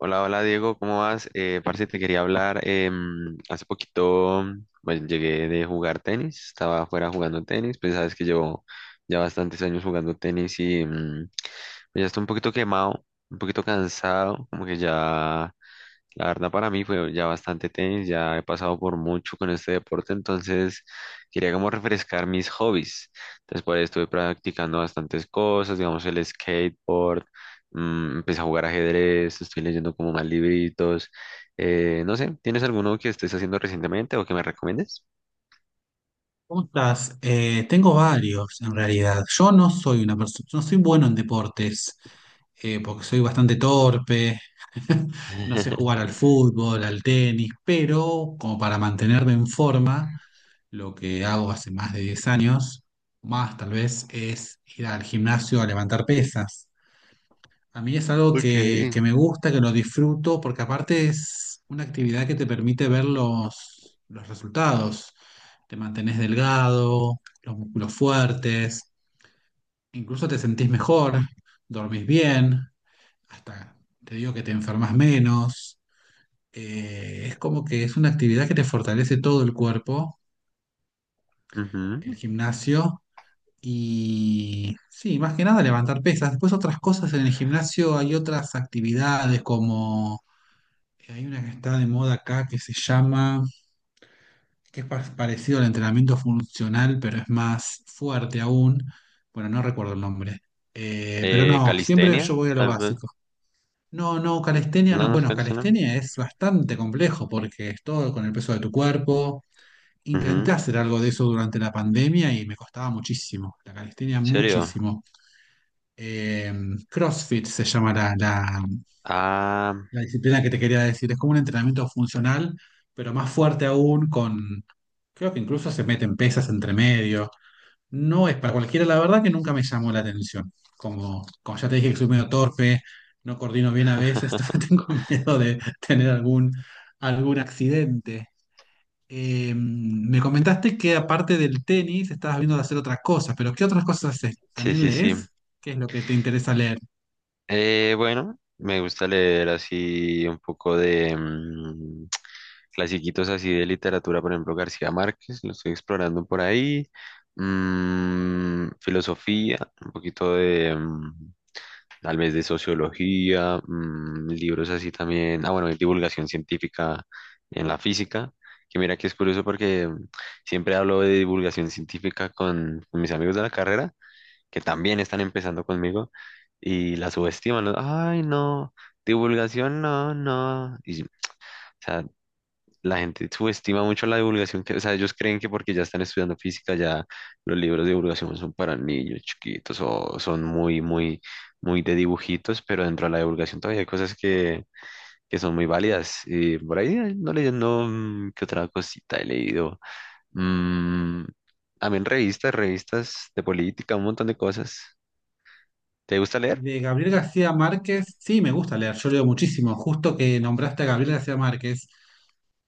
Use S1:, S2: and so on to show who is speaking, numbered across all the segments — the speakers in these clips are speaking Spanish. S1: Hola, hola Diego, ¿cómo vas? Parce, te quería hablar. Hace poquito, bueno, llegué de jugar tenis, estaba afuera jugando tenis, pues sabes que llevo ya bastantes años jugando tenis y pues, ya estoy un poquito quemado, un poquito cansado, como que ya la verdad para mí fue ya bastante tenis, ya he pasado por mucho con este deporte, entonces quería como refrescar mis hobbies. Después estuve practicando bastantes cosas, digamos el skateboard, empecé a jugar ajedrez, estoy leyendo como más libritos. No sé, ¿tienes alguno que estés haciendo recientemente o que me recomiendes?
S2: ¿Cómo estás? Tengo varios en realidad. Yo no soy una persona, No soy bueno en deportes, porque soy bastante torpe, no sé jugar al fútbol, al tenis, pero como para mantenerme en forma, lo que hago hace más de 10 años, más tal vez, es ir al gimnasio a levantar pesas. A mí es algo
S1: Okay.
S2: que me gusta, que lo disfruto, porque aparte es una actividad que te permite ver los resultados. Te mantenés delgado, los músculos fuertes, incluso te sentís mejor, dormís bien, hasta te digo que te enfermas menos. Es como que es una actividad que te fortalece todo el cuerpo,
S1: Ujú.
S2: el gimnasio, y sí, más que nada levantar pesas. Después otras cosas en el gimnasio, hay otras actividades como hay una que está de moda acá que se llama, que es parecido al entrenamiento funcional, pero es más fuerte aún. Bueno, no recuerdo el nombre. Pero no, siempre yo
S1: Calistenia,
S2: voy a lo
S1: tal vez.
S2: básico. No, no, calistenia
S1: No,
S2: no.
S1: no es
S2: Bueno,
S1: calistenia.
S2: calistenia es bastante complejo porque es todo con el peso de tu cuerpo. Intenté
S1: Ujú. ¿En
S2: hacer algo de eso durante la pandemia y me costaba muchísimo. La calistenia
S1: serio?
S2: muchísimo. Eh, CrossFit se llama
S1: Ah,
S2: la disciplina que te quería decir, es como un entrenamiento funcional, pero más fuerte aún con, creo que incluso se meten pesas entre medio. No es para cualquiera, la verdad que nunca me llamó la atención. Como ya te dije que soy medio torpe, no coordino bien a veces, entonces tengo miedo de tener algún, algún accidente. Me comentaste que aparte del tenis estabas viendo de hacer otras cosas, pero ¿qué otras cosas haces?
S1: sí,
S2: ¿También
S1: sí, sí.
S2: lees? ¿Qué es lo que te interesa leer?
S1: Bueno, me gusta leer así un poco de clasiquitos así de literatura, por ejemplo, García Márquez, lo estoy explorando por ahí. Filosofía, un poquito de tal vez de sociología, libros así también. Ah, bueno, de divulgación científica en la física, que mira que es curioso porque siempre hablo de divulgación científica con mis amigos de la carrera que también están empezando conmigo y la subestiman, ¿no? Ay, no, divulgación, no, no. Y, o sea, la gente subestima mucho la divulgación, que, o sea, ellos creen que porque ya están estudiando física, ya los libros de divulgación son para niños chiquitos o son muy, muy, muy de dibujitos, pero dentro de la divulgación todavía hay cosas que son muy válidas. Y por ahí no leyendo, ¿qué otra cosita he leído? Mm, También revistas, revistas de política, un montón de cosas. ¿Te gusta
S2: Y
S1: leer?
S2: de Gabriel García Márquez, sí, me gusta leer, yo leo muchísimo. Justo que nombraste a Gabriel García Márquez,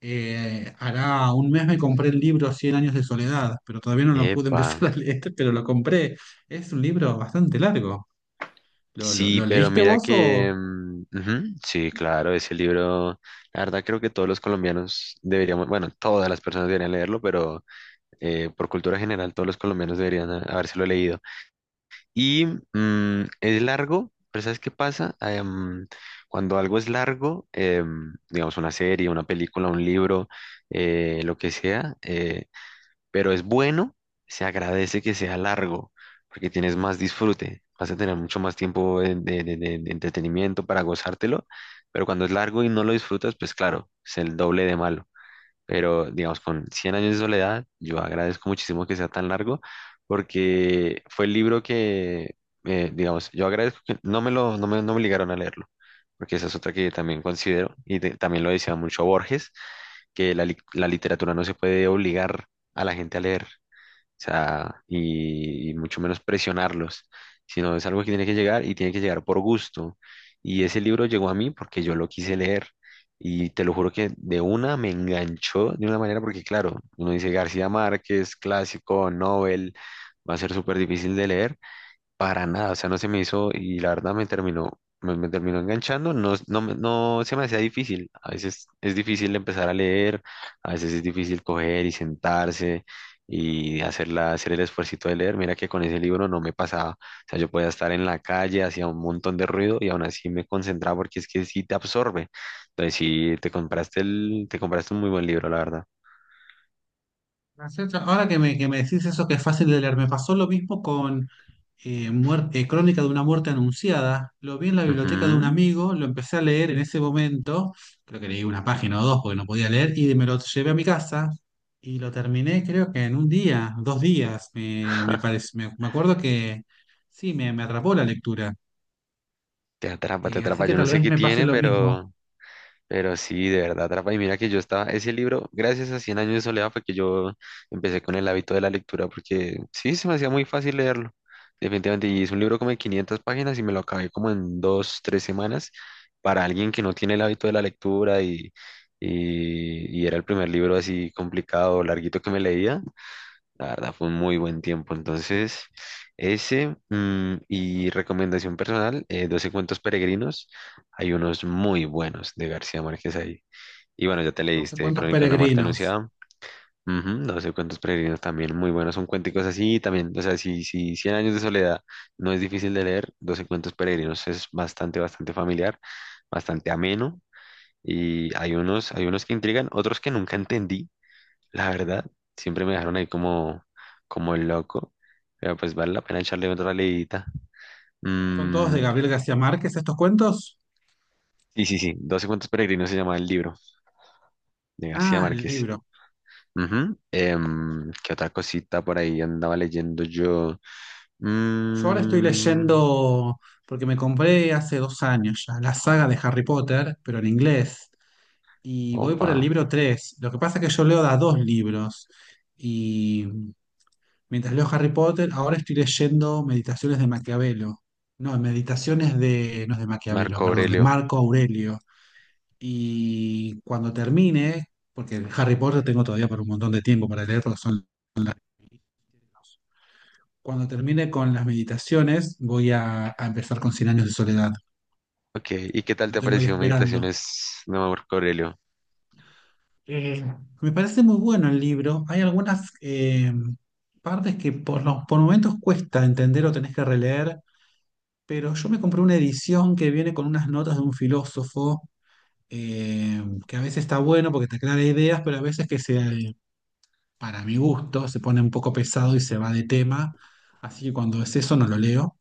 S2: hará un mes me compré el libro Cien años de soledad, pero todavía no lo pude
S1: Epa,
S2: empezar a leer, pero lo compré. Es un libro bastante largo. ¿Lo,
S1: sí,
S2: lo
S1: pero
S2: leíste
S1: mira
S2: vos o...?
S1: que, ujú, sí, claro, ese libro, la verdad creo que todos los colombianos deberíamos, bueno, todas las personas deberían leerlo, pero por cultura general todos los colombianos deberían habérselo leído. Y es largo, pero ¿sabes qué pasa? Ah, cuando algo es largo, digamos una serie, una película, un libro, lo que sea, pero es bueno, se agradece que sea largo, porque tienes más disfrute, vas a tener mucho más tiempo de entretenimiento para gozártelo, pero cuando es largo y no lo disfrutas, pues claro, es el doble de malo. Pero, digamos, con Cien años de soledad, yo agradezco muchísimo que sea tan largo, porque fue el libro que, digamos, yo agradezco que no me lo, no me, no me obligaron a leerlo, porque esa es otra que también considero, y también lo decía mucho Borges, que la literatura no se puede obligar a la gente a leer, sea, y mucho menos presionarlos, sino es algo que tiene que llegar y tiene que llegar por gusto. Y ese libro llegó a mí porque yo lo quise leer, y te lo juro que de una me enganchó de una manera, porque claro, uno dice García Márquez, clásico, Nobel, va a ser súper difícil de leer, para nada, o sea, no se me hizo, y la verdad me terminó enganchando, no, no, no se me hacía difícil, a veces es difícil empezar a leer, a veces es difícil coger y sentarse y hacer el esfuercito de leer, mira que con ese libro no me pasaba, o sea, yo podía estar en la calle, hacía un montón de ruido y aún así me concentraba porque es que sí te absorbe, entonces sí, te compraste un muy buen libro, la verdad.
S2: No. Ahora que que me decís eso que es fácil de leer, me pasó lo mismo con Crónica de una muerte anunciada. Lo vi en la biblioteca de un
S1: Ujú.
S2: amigo, lo empecé a leer en ese momento, creo que leí una página o dos porque no podía leer, y me lo llevé a mi casa y lo terminé creo que en un día, dos días, me parece, me acuerdo que sí, me atrapó la lectura.
S1: Te
S2: Así
S1: atrapa,
S2: que
S1: yo no
S2: tal
S1: sé
S2: vez
S1: qué
S2: me pase
S1: tiene,
S2: lo mismo.
S1: pero. Pero sí, de verdad, atrapa. Y mira que yo estaba, ese libro, gracias a Cien años de soledad, fue que yo empecé con el hábito de la lectura, porque sí, se me hacía muy fácil leerlo, definitivamente. Y es un libro como de 500 páginas y me lo acabé como en dos, tres semanas. Para alguien que no tiene el hábito de la lectura y era el primer libro así complicado, larguito que me leía, la verdad fue un muy buen tiempo. Entonces, ese y recomendación personal, Doce cuentos peregrinos. Hay unos muy buenos de García Márquez ahí. Y bueno, ya te
S2: 12
S1: leíste
S2: cuentos
S1: Crónica de una Marta
S2: peregrinos.
S1: Anunciada. Ujú, Doce cuentos peregrinos también muy buenos. Son cuenticos así también. O sea, si Cien años de soledad no es difícil de leer, 12 cuentos peregrinos es bastante, bastante familiar, bastante ameno. Y hay unos que intrigan, otros que nunca entendí, la verdad, siempre me dejaron ahí como el loco, pero pues vale la pena echarle otra leidita.
S2: ¿Son todos de
S1: Mm,
S2: Gabriel García Márquez estos cuentos?
S1: y sí, sí, Doce cuentos peregrinos se llama el libro de García
S2: Ah,
S1: Márquez.
S2: libros.
S1: Ujú, ¿qué otra cosita por ahí andaba leyendo yo?
S2: Yo ahora estoy
S1: Mm,
S2: leyendo, porque me compré hace dos años ya, la saga de Harry Potter, pero en inglés, y voy por el
S1: opa,
S2: libro tres. Lo que pasa es que yo leo da dos libros, y mientras leo Harry Potter, ahora estoy leyendo Meditaciones de Maquiavelo. No, Meditaciones de, no es de Maquiavelo,
S1: Marco
S2: perdón, de
S1: Aurelio.
S2: Marco Aurelio. Y cuando termine, porque el Harry Potter tengo todavía por un montón de tiempo para leer, porque son cuando termine con las meditaciones, voy a empezar con Cien años de soledad.
S1: Ok, ¿y qué tal
S2: Lo
S1: te ha
S2: tengo ahí
S1: parecido
S2: esperando.
S1: Meditaciones de Marco Aurelio?
S2: Eh, Me parece muy bueno el libro. Hay algunas partes que por por momentos cuesta entender o tenés que releer, pero yo me compré una edición que viene con unas notas de un filósofo, que a veces está bueno porque te aclara ideas, pero a veces para mi gusto se pone un poco pesado y se va de tema. Así que cuando es eso no lo leo.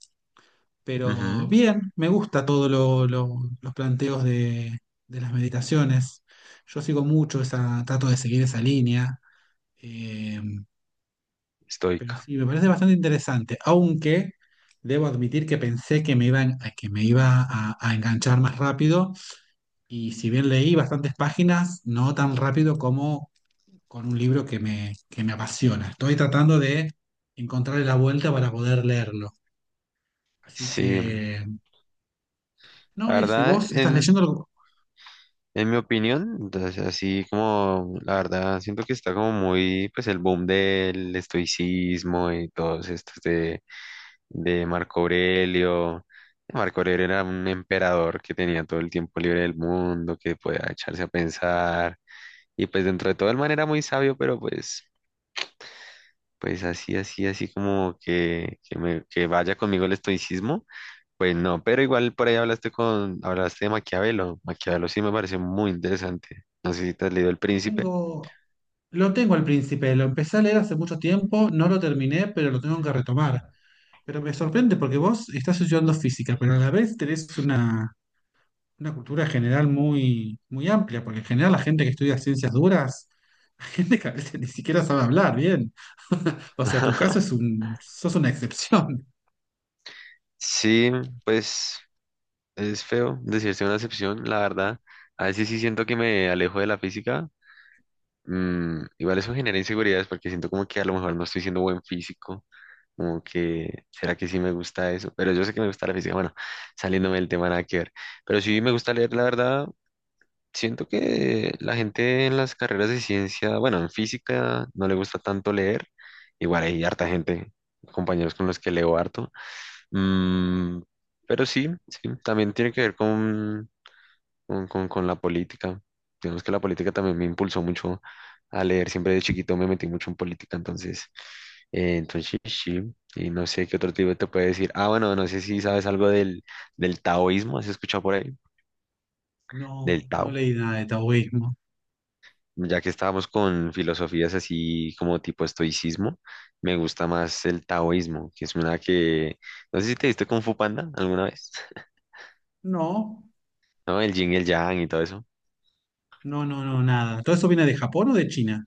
S2: Pero
S1: Ujú,
S2: bien, me gusta todo los planteos de las meditaciones. Yo sigo mucho esa, trato de seguir esa línea. eh, pero
S1: estoica.
S2: sí, me parece bastante interesante. Aunque debo admitir que pensé que me que me iba a enganchar más rápido. Y si bien leí bastantes páginas, no tan rápido como con un libro que que me apasiona. Estoy tratando de encontrarle la vuelta para poder leerlo. Así
S1: Sí,
S2: que,
S1: la
S2: no, eso. ¿Y
S1: verdad,
S2: vos estás
S1: en,
S2: leyendo algo?
S1: En mi opinión, entonces así como la verdad siento que está como muy pues el boom del estoicismo y todos estos de Marco Aurelio. Marco Aurelio era un emperador que tenía todo el tiempo libre del mundo, que podía echarse a pensar y pues dentro de todo el man era muy sabio, pero pues así así así como que vaya conmigo el estoicismo. Pues no, pero igual por ahí hablaste de Maquiavelo. Maquiavelo sí me pareció muy interesante. No sé si te has leído El
S2: Lo
S1: Príncipe.
S2: tengo, lo tengo al príncipe, lo empecé a leer hace mucho tiempo, no lo terminé, pero lo tengo que retomar. Pero me sorprende porque vos estás estudiando física, pero a la vez tenés una cultura general muy, muy amplia, porque en general la gente que estudia ciencias duras, la gente que a veces ni siquiera sabe hablar bien. O sea, tu caso es un, sos una excepción.
S1: Sí, pues es feo decirse una excepción, la verdad. A veces sí siento que me alejo de la física. Igual eso genera inseguridades porque siento como que a lo mejor no estoy siendo buen físico. Como que, ¿será que sí me gusta eso? Pero yo sé que me gusta la física. Bueno, saliéndome del tema nada que ver. Pero sí me gusta leer, la verdad. Siento que la gente en las carreras de ciencia, bueno, en física no le gusta tanto leer. Igual hay harta gente, compañeros con los que leo harto. Mm, pero sí, sí, también tiene que ver con la política. Digamos que la política también me impulsó mucho a leer. Siempre de chiquito me metí mucho en política, entonces sí. Y no sé qué otro tipo te puede decir. Ah, bueno, no sé si sabes algo del taoísmo, ¿has escuchado por ahí?
S2: No,
S1: Del
S2: no
S1: Tao.
S2: leí nada de taoísmo.
S1: Ya que estábamos con filosofías así como tipo estoicismo, me gusta más el taoísmo, que es una que, no sé si te diste Kung Fu Panda alguna vez,
S2: No,
S1: ¿no? El yin y el yang y todo eso.
S2: no, no, no, nada. ¿Todo eso viene de Japón o de China?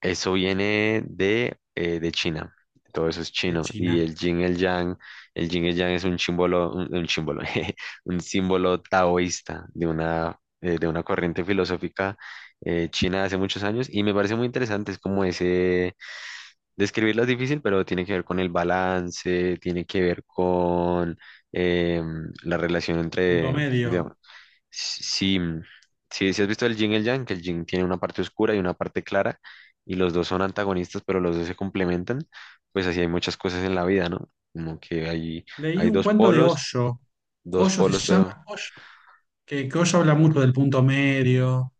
S1: Eso viene de China, todo eso es
S2: De
S1: chino. Y
S2: China.
S1: el yin el yang, el yin el yang es un símbolo, un símbolo, jeje, un símbolo taoísta de una corriente filosófica china de hace muchos años y me parece muy interesante, es como ese. Describirla es difícil, pero tiene que ver con el balance, tiene que ver con la relación
S2: Punto
S1: entre,
S2: medio.
S1: digamos, si, si, si has visto el yin y el yang, que el yin tiene una parte oscura y una parte clara, y los dos son antagonistas, pero los dos se complementan, pues así hay muchas cosas en la vida, ¿no? Como que hay,
S2: Leí
S1: hay
S2: un cuento de Osho.
S1: dos
S2: Osho se
S1: polos, pero
S2: llama Osho, que Osho habla mucho del punto medio.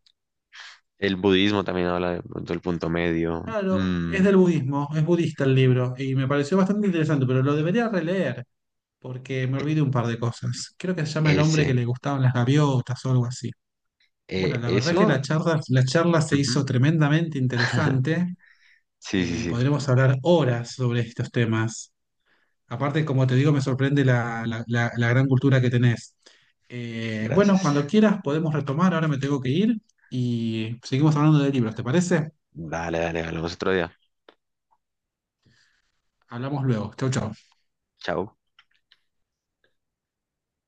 S1: el budismo también habla de pronto del punto medio.
S2: Claro, es del budismo, es budista el libro, y me pareció bastante interesante, pero lo debería releer, porque me
S1: E-
S2: olvidé un par de cosas. Creo que se llama El hombre que
S1: ese,
S2: le gustaban las gaviotas o algo así. Bueno, la verdad que
S1: eso.
S2: la charla se
S1: Ujú.
S2: hizo tremendamente interesante.
S1: Sí, sí, sí,
S2: Podremos hablar horas sobre estos temas. Aparte, como te digo, me sorprende la gran cultura que tenés. Bueno,
S1: gracias.
S2: cuando quieras podemos retomar, ahora me tengo que ir y seguimos hablando de libros, ¿te parece?
S1: Dale, dale, hablamos otro día.
S2: Hablamos luego. Chau, chau.
S1: Chao.